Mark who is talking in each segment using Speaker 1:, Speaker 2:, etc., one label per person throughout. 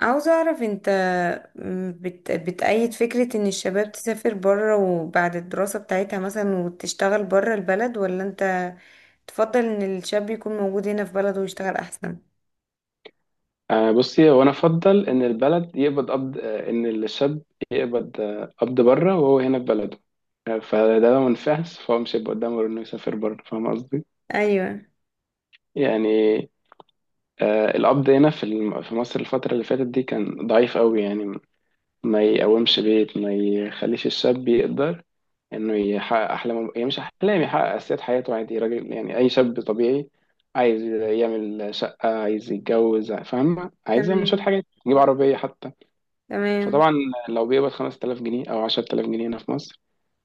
Speaker 1: عاوزة أعرف أنت بتأيد فكرة إن الشباب تسافر بره وبعد الدراسة بتاعتها مثلا وتشتغل بره البلد، ولا أنت تفضل إن الشاب يكون موجود هنا في بلده ويشتغل أحسن؟
Speaker 2: آه، بصي، هو انا افضل ان البلد يقبض قبض، ان الشاب يقبض، قبض بره وهو هنا في بلده. فده لو ما نفعش فهو مش هيبقى قدامه غير انه يسافر بره. فاهم قصدي؟
Speaker 1: أيوة.
Speaker 2: يعني، القبض هنا في في مصر الفترة اللي فاتت دي كان ضعيف قوي، يعني ما يقومش بيت، ما يخليش الشاب يقدر انه يحقق احلامه. يعني مش احلام، يحقق اساسيات حياته، عادي، راجل، يعني اي شاب طبيعي عايز يعمل شقة، عايز يتجوز، فاهم، عايز يعمل شوية
Speaker 1: تمام.
Speaker 2: حاجات، يجيب عربية حتى.
Speaker 1: تمام.
Speaker 2: فطبعا لو بيقبض 5000 جنيه او 10000 جنيه هنا في مصر،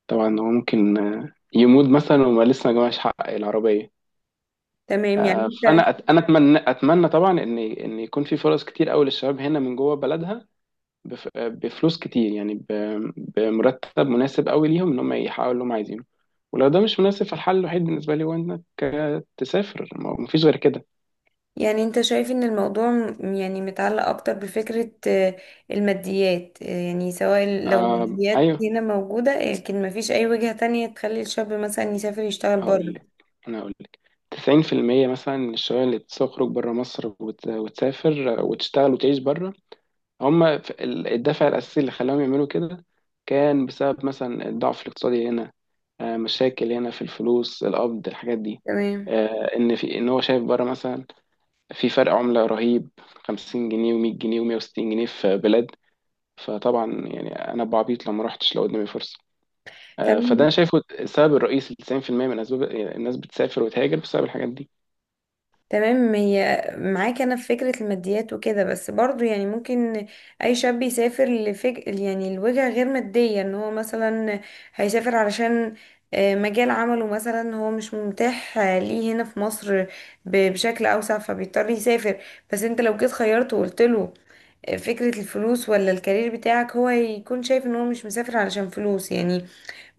Speaker 2: طبعا هو ممكن يموت مثلا وما لسه ما جمعش حق العربيه.
Speaker 1: تمام.
Speaker 2: فانا انا اتمنى طبعا ان يكون في فرص كتير قوي للشباب هنا من جوه بلدها، بفلوس كتير، يعني بمرتب مناسب قوي ليهم ان هم يحققوا اللي هم عايزينه. ولو ده مش مناسب فالحل الوحيد بالنسبه لي هو انك تسافر، ما فيش غير كده.
Speaker 1: يعني أنت شايف إن الموضوع متعلق أكتر بفكرة الماديات، يعني سواء لو
Speaker 2: آه،
Speaker 1: الماديات
Speaker 2: ايوه،
Speaker 1: هنا موجودة، لكن مفيش أي وجهة تانية تخلي الشاب مثلا يسافر يشتغل
Speaker 2: هقول
Speaker 1: بره؟
Speaker 2: لك. انا هقول لك، 90% مثلا من الشباب اللي بتخرج بره مصر وتسافر وتشتغل وتعيش بره، هم الدافع الاساسي اللي خلاهم يعملوا كده كان بسبب مثلا الضعف الاقتصادي هنا. مشاكل هنا في الفلوس، القبض، الحاجات دي.
Speaker 1: تمام.
Speaker 2: ان في ان هو شايف بره مثلا في فرق عملة رهيب، 50 جنيه و100 جنيه و160 جنيه في بلاد. فطبعا يعني انا بعبيط لو ما رحتش لو قدامي فرصة. فده
Speaker 1: تمام.
Speaker 2: انا شايفه السبب الرئيسي، 90% من اسباب الناس بتسافر وتهاجر بسبب الحاجات دي.
Speaker 1: تمام، هي معاك انا في فكرة الماديات وكده، بس برضو يعني ممكن اي شاب يسافر يعني لوجهة غير مادية، ان هو مثلا هيسافر علشان مجال عمله مثلا هو مش متاح ليه هنا في مصر بشكل اوسع، فبيضطر يسافر. بس انت لو جيت خيرته وقلت له فكرة الفلوس ولا الكارير بتاعك، هو هيكون شايف ان هو مش مسافر علشان فلوس يعني.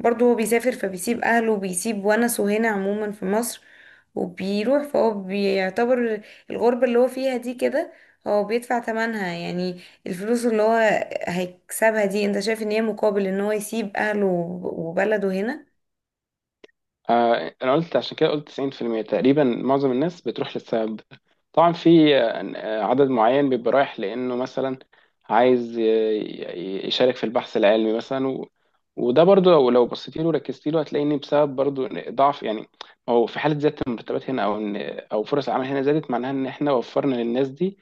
Speaker 1: برضو هو بيسافر، فبيسيب اهله وبيسيب ونسه هنا عموما في مصر، وبيروح، فهو بيعتبر الغربة اللي هو فيها دي كده هو بيدفع تمنها. يعني الفلوس اللي هو هيكسبها دي، انت شايف ان هي مقابل ان هو يسيب اهله وبلده هنا؟
Speaker 2: انا قلت عشان كده، قلت 90% تقريبا، معظم الناس بتروح للسبب ده. طبعا في عدد معين بيبقى رايح لانه مثلا عايز يشارك في البحث العلمي مثلا وده برضو، لو بصيتي له وركزت له هتلاقي ان بسبب برضو إن ضعف، يعني او في حاله زياده المرتبات هنا، او فرص العمل هنا زادت، معناها ان احنا وفرنا للناس دي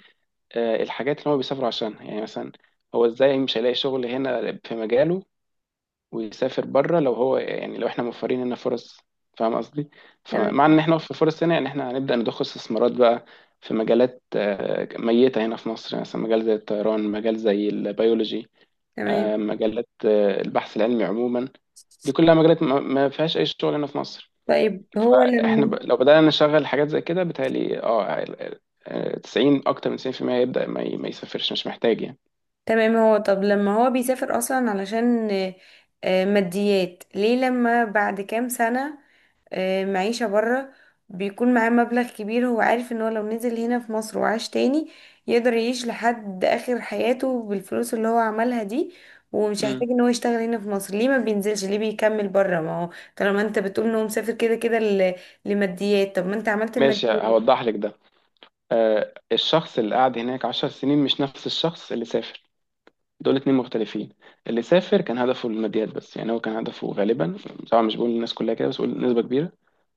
Speaker 2: الحاجات اللي هو بيسافر عشانها. يعني مثلا هو ازاي مش هيلاقي شغل هنا في مجاله ويسافر بره؟ لو هو يعني لو احنا موفرين لنا فرص، فاهم قصدي؟
Speaker 1: تمام.
Speaker 2: فمع ان احنا في فرص هنا، يعني احنا هنبدأ نضخ استثمارات بقى في مجالات ميتة هنا في مصر، يعني مثلا مجال زي الطيران، مجال زي البيولوجي،
Speaker 1: تمام،
Speaker 2: مجالات البحث العلمي عموما. دي كلها مجالات ما فيهاش اي شغل هنا في مصر.
Speaker 1: طيب هو
Speaker 2: فاحنا
Speaker 1: لما،
Speaker 2: لو بدأنا نشغل حاجات زي كده بتهيألي 90، اكتر من 90% يبدأ ما يسافرش، مش محتاج يعني.
Speaker 1: تمام. هو طب لما هو بيسافر اصلا علشان ماديات، ليه لما بعد كام سنة معيشة بره بيكون معاه مبلغ كبير، هو عارف ان هو لو نزل هنا في مصر وعاش تاني يقدر يعيش لحد اخر حياته بالفلوس اللي هو عملها دي، ومش هيحتاج
Speaker 2: امم
Speaker 1: ان هو يشتغل هنا في مصر، ليه ما بينزلش؟ ليه بيكمل بره؟ ما هو طالما انت بتقول ان هو مسافر كده كده لماديات، طب ما انت عملت
Speaker 2: ماشي،
Speaker 1: الماديات.
Speaker 2: هوضح لك ده. آه، الشخص اللي قعد هناك 10 سنين مش نفس الشخص اللي سافر. دول اتنين مختلفين. اللي سافر كان هدفه الماديات بس، يعني هو كان هدفه غالبا، طبعا مش بقول الناس كلها كده، بس بقول نسبة كبيرة،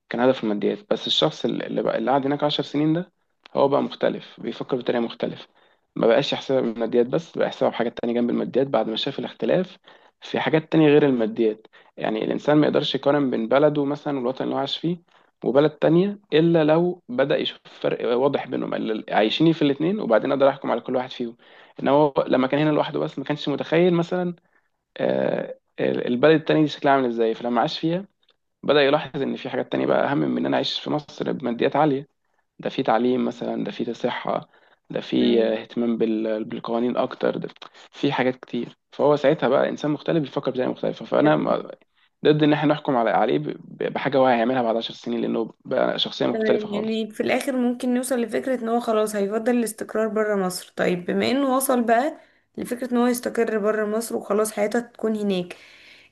Speaker 2: كان هدفه الماديات بس. الشخص اللي بقى اللي قعد هناك 10 سنين ده هو بقى مختلف، بيفكر بطريقة مختلفة، ما بقاش يحسبها بالماديات بس، بقى يحسبها بحاجات تانية جنب الماديات بعد ما شاف الاختلاف في حاجات تانية غير الماديات. يعني الإنسان ما يقدرش يقارن بين بلده مثلا والوطن اللي هو عايش فيه وبلد تانية إلا لو بدأ يشوف فرق واضح بينهم، عايشين في الاتنين وبعدين أقدر أحكم على كل واحد فيهم. إن هو لما كان هنا لوحده بس ما كانش متخيل مثلا البلد التانية دي شكلها عامل إزاي، فلما عاش فيها بدأ يلاحظ إن في حاجات تانية بقى أهم من إن أنا أعيش في مصر بماديات عالية. ده في تعليم مثلا، ده في صحة، ده في اهتمام بالقوانين أكتر، ده في حاجات كتير. فهو ساعتها بقى إنسان مختلف بيفكر بطريقة مختلفة، فأنا
Speaker 1: تمام.
Speaker 2: ضد إن إحنا نحكم على عليه بحاجة هو هيعملها بعد 10 سنين، لأنه بقى شخصية مختلفة
Speaker 1: تمام،
Speaker 2: خالص.
Speaker 1: يعني في الآخر ممكن نوصل لفكرة ان هو خلاص هيفضل الاستقرار برا مصر. طيب بما انه وصل بقى لفكرة ان هو يستقر برا مصر وخلاص حياته تكون هناك،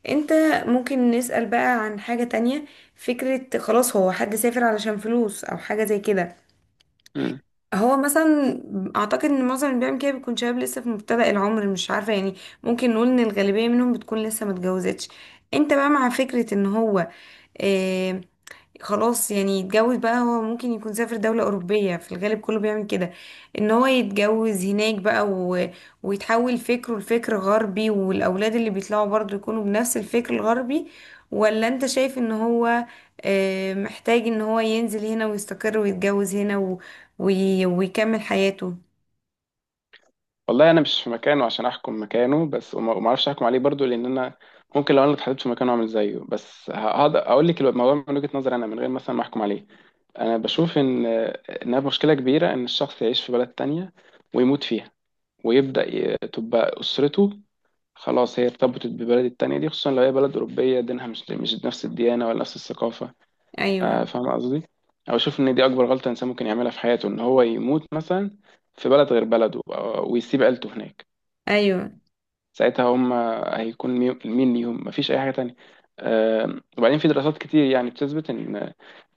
Speaker 1: انت ممكن نسأل بقى عن حاجة تانية. فكرة خلاص هو حد سافر علشان فلوس او حاجة زي كده،
Speaker 2: مم.
Speaker 1: هو مثلا اعتقد ان معظم اللي بيعمل كده بيكون شباب لسه في مبتدأ العمر، مش عارفة يعني، ممكن نقول ان الغالبية منهم بتكون لسه متجوزتش. انت بقى مع فكرة ان هو آه، خلاص يعني يتجوز بقى، هو ممكن يكون سافر دولة أوروبية في الغالب، كله بيعمل كده، إن هو يتجوز هناك بقى ويتحول فكره لفكر غربي، والأولاد اللي بيطلعوا برضو يكونوا بنفس الفكر الغربي؟ ولا أنت شايف إن هو محتاج إن هو ينزل هنا ويستقر ويتجوز هنا و ويكمل حياته؟
Speaker 2: والله أنا مش في مكانه عشان أحكم مكانه، بس وما أعرفش أحكم عليه برضو، لأن أنا ممكن لو أنا اتحطيت في مكانه أعمل زيه. بس هقدر أقول لك الموضوع من وجهة نظري أنا من غير مثلا ما أحكم عليه. أنا بشوف إنها مشكلة كبيرة، إن الشخص يعيش في بلد تانية ويموت فيها، ويبدأ تبقى أسرته خلاص هي ارتبطت ببلد التانية دي، خصوصا لو هي بلد أوروبية دينها مش نفس الديانة ولا نفس الثقافة.
Speaker 1: أيوه.
Speaker 2: فاهم قصدي؟ أو أشوف إن دي أكبر غلطة إنسان ممكن يعملها في حياته، إن هو يموت مثلا في بلد غير بلده ويسيب عيلته هناك.
Speaker 1: أيوه.
Speaker 2: ساعتها هم هيكون مين ليهم؟ مفيش اي حاجه تانية. وبعدين في دراسات كتير يعني بتثبت ان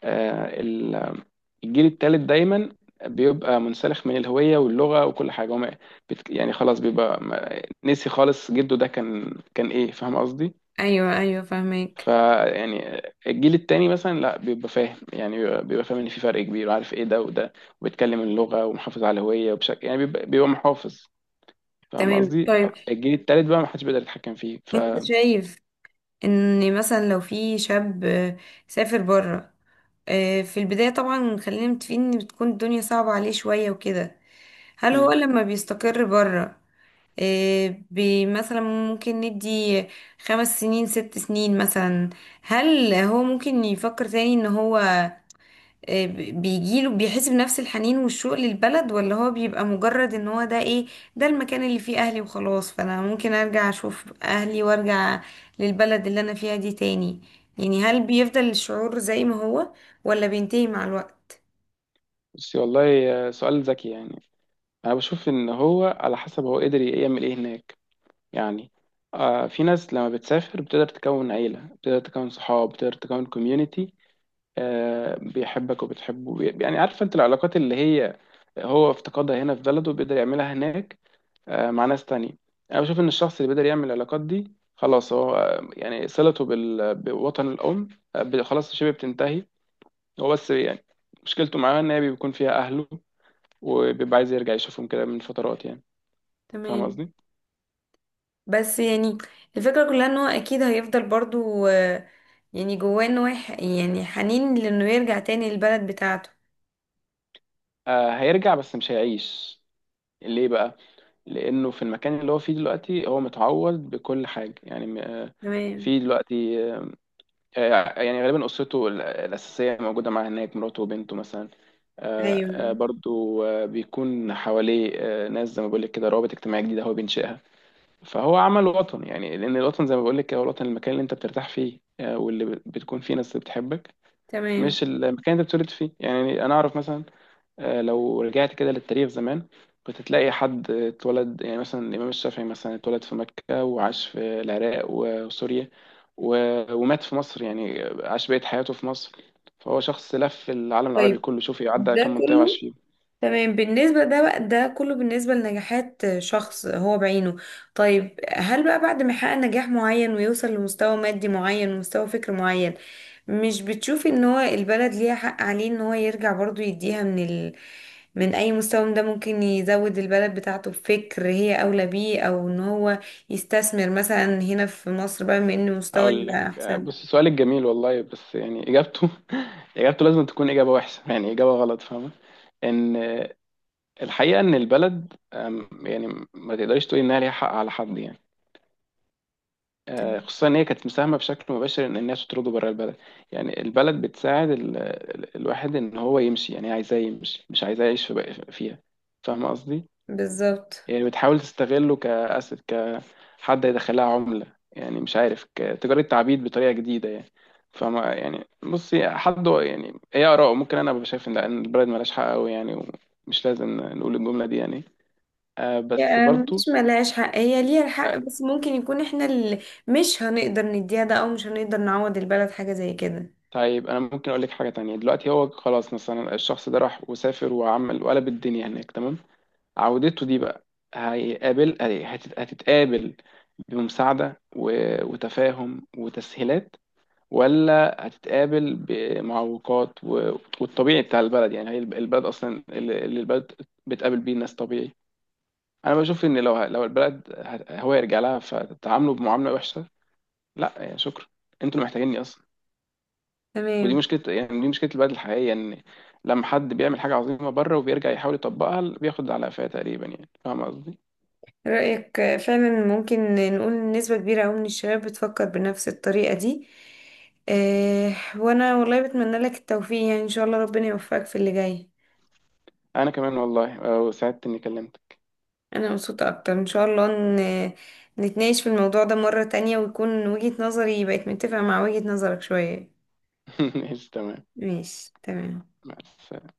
Speaker 2: آه، ال- الجيل الثالث دايما بيبقى منسلخ من الهويه واللغه وكل حاجه. هم يعني خلاص بيبقى نسي خالص، جده ده كان ايه. فاهم قصدي؟
Speaker 1: أيوه. أيوه، فاهمك.
Speaker 2: فيعني الجيل التاني مثلا لا، بيبقى فاهم، يعني بيبقى فاهم ان في فرق كبير وعارف ايه ده وده، وبيتكلم اللغه ومحافظ على الهويه، وبشكل يعني بيبقى محافظ. فاهم
Speaker 1: تمام،
Speaker 2: قصدي؟
Speaker 1: طيب
Speaker 2: الجيل التالت بقى ما حدش بيقدر يتحكم فيه، ف
Speaker 1: أنت شايف ان مثلا لو في شاب سافر بره، في البداية طبعا خلينا متفقين ان بتكون الدنيا صعبة عليه شوية وكده، هل هو
Speaker 2: مم.
Speaker 1: لما بيستقر بره مثلا ممكن ندي خمس سنين ست سنين مثلا، هل هو ممكن يفكر تاني ان هو آه، ب- بيجيله بيحس بنفس الحنين والشوق للبلد، ولا هو بيبقى مجرد ان هو ده ايه، ده المكان اللي فيه اهلي وخلاص، فانا ممكن ارجع اشوف اهلي وارجع للبلد اللي انا فيها دي تاني؟ يعني هل بيفضل الشعور زي ما هو، ولا بينتهي مع الوقت؟
Speaker 2: بس والله سؤال ذكي يعني. انا بشوف ان هو على حسب هو قدر يعمل ايه هناك. يعني في ناس لما بتسافر بتقدر تكون عيلة، بتقدر تكون صحاب، بتقدر تكون كوميونيتي، بيحبك وبتحبه، يعني عارف انت العلاقات اللي هي هو افتقدها هنا في بلده بيقدر يعملها هناك مع ناس تانية. انا بشوف ان الشخص اللي بيقدر يعمل العلاقات دي خلاص هو، يعني صلته بوطن الام خلاص شبه بتنتهي. هو بس يعني مشكلته معاه ان هي بيكون فيها اهله، وبيبقى عايز يرجع يشوفهم كده من فترات، يعني فاهم
Speaker 1: تمام.
Speaker 2: قصدي.
Speaker 1: بس يعني الفكرة كلها ان هو اكيد هيفضل برضو يعني جواه، يعني حنين لانه يرجع تاني للبلد بتاعته.
Speaker 2: هيرجع بس مش هيعيش. ليه بقى؟ لانه في المكان اللي هو فيه دلوقتي هو متعود بكل حاجه، يعني
Speaker 1: تمام.
Speaker 2: في دلوقتي، يعني غالبا اسرته الاساسيه موجوده معاه هناك، مراته وبنته مثلا،
Speaker 1: ايوه.
Speaker 2: برضو بيكون حواليه ناس، زي ما بقول لك كده، روابط اجتماعيه جديده هو بينشئها. فهو عمل وطن، يعني لان الوطن زي ما بقول لك كده، هو الوطن المكان اللي انت بترتاح فيه، واللي بتكون فيه ناس بتحبك،
Speaker 1: تمام،
Speaker 2: مش المكان اللي انت بتولد فيه. يعني انا اعرف مثلا، لو رجعت كده للتاريخ زمان كنت تلاقي حد اتولد، يعني مثلا الامام الشافعي مثلا اتولد في مكة وعاش في العراق وسوريا ومات في مصر، يعني عاش بقية حياته في مصر. فهو شخص لف العالم العربي
Speaker 1: طيب
Speaker 2: كله، شوف عدى
Speaker 1: ده
Speaker 2: كم منطقة
Speaker 1: كله،
Speaker 2: وعاش.
Speaker 1: تمام. بالنسبة ده بقى، ده كله بالنسبة لنجاحات شخص هو بعينه. طيب هل بقى بعد ما يحقق نجاح معين ويوصل لمستوى مادي معين ومستوى فكر معين، مش بتشوفي ان هو البلد ليها حق عليه ان هو يرجع برضو يديها من اي مستوى، من ده ممكن يزود البلد بتاعته بفكر هي اولى بيه، او ان هو يستثمر مثلا هنا في مصر بقى، من ان مستوى
Speaker 2: هقول لك،
Speaker 1: يبقى احسن.
Speaker 2: بص سؤالك جميل والله، بس يعني اجابته اجابته لازم تكون اجابه وحشه، يعني اجابه غلط، فاهمه؟ ان الحقيقه ان البلد يعني ما تقدريش تقولي انها ليها حق على حد، يعني خصوصا ان هي كانت مساهمه بشكل مباشر ان الناس تطرده بره البلد. يعني البلد بتساعد الواحد ان هو يمشي، يعني هي عايزاه يمشي مش عايزاه يعيش في فيها، فاهمه قصدي؟
Speaker 1: بالظبط،
Speaker 2: يعني بتحاول تستغله كأسد، كحد يدخلها عملة، يعني مش عارف، كتجارة تعبيد بطريقة جديدة يعني. فما يعني بصي، حد يعني ايه آراءه، ممكن أنا أبقى شايف إن البلد ملهاش حق أوي، يعني ومش لازم نقول الجملة دي يعني. بس
Speaker 1: يعني
Speaker 2: برضو.
Speaker 1: مش ملهاش حق، هي ليها الحق،
Speaker 2: آه
Speaker 1: بس ممكن يكون احنا اللي مش هنقدر نديها ده، او مش هنقدر نعوض البلد حاجة زي كده.
Speaker 2: طيب، أنا ممكن أقول لك حاجة تانية. دلوقتي هو خلاص مثلا الشخص ده راح وسافر وعمل وقلب الدنيا هناك، تمام. عودته دي بقى هيقابل هتتقابل بمساعدة وتفاهم وتسهيلات، ولا هتتقابل بمعوقات والطبيعي بتاع البلد؟ يعني هي البلد اصلا اللي البلد بتقابل بيه الناس طبيعي. انا بشوف ان لو لو البلد هو يرجع لها فتتعاملوا بمعامله وحشه، لا يعني شكرا، انتوا اللي محتاجيني اصلا. ودي
Speaker 1: تمام.
Speaker 2: مشكله، يعني دي مشكله البلد الحقيقيه، ان لما حد بيعمل حاجه عظيمه بره وبيرجع يحاول يطبقها بياخد على قفاه تقريبا، يعني فاهم قصدي.
Speaker 1: رأيك فعلا ممكن نقول نسبة كبيرة أوي من الشباب بتفكر بنفس الطريقة دي. اه، وأنا والله بتمنى لك التوفيق يعني، إن شاء الله ربنا يوفقك في اللي جاي.
Speaker 2: انا كمان والله، وسعدت اني كلمتك.
Speaker 1: أنا مبسوطة أكتر، إن شاء الله نتناقش في الموضوع ده مرة تانية، ويكون وجهة نظري بقت متفقة مع وجهة نظرك شوية.
Speaker 2: ماشي تمام.
Speaker 1: ماشي، تمام.
Speaker 2: مع السلامة.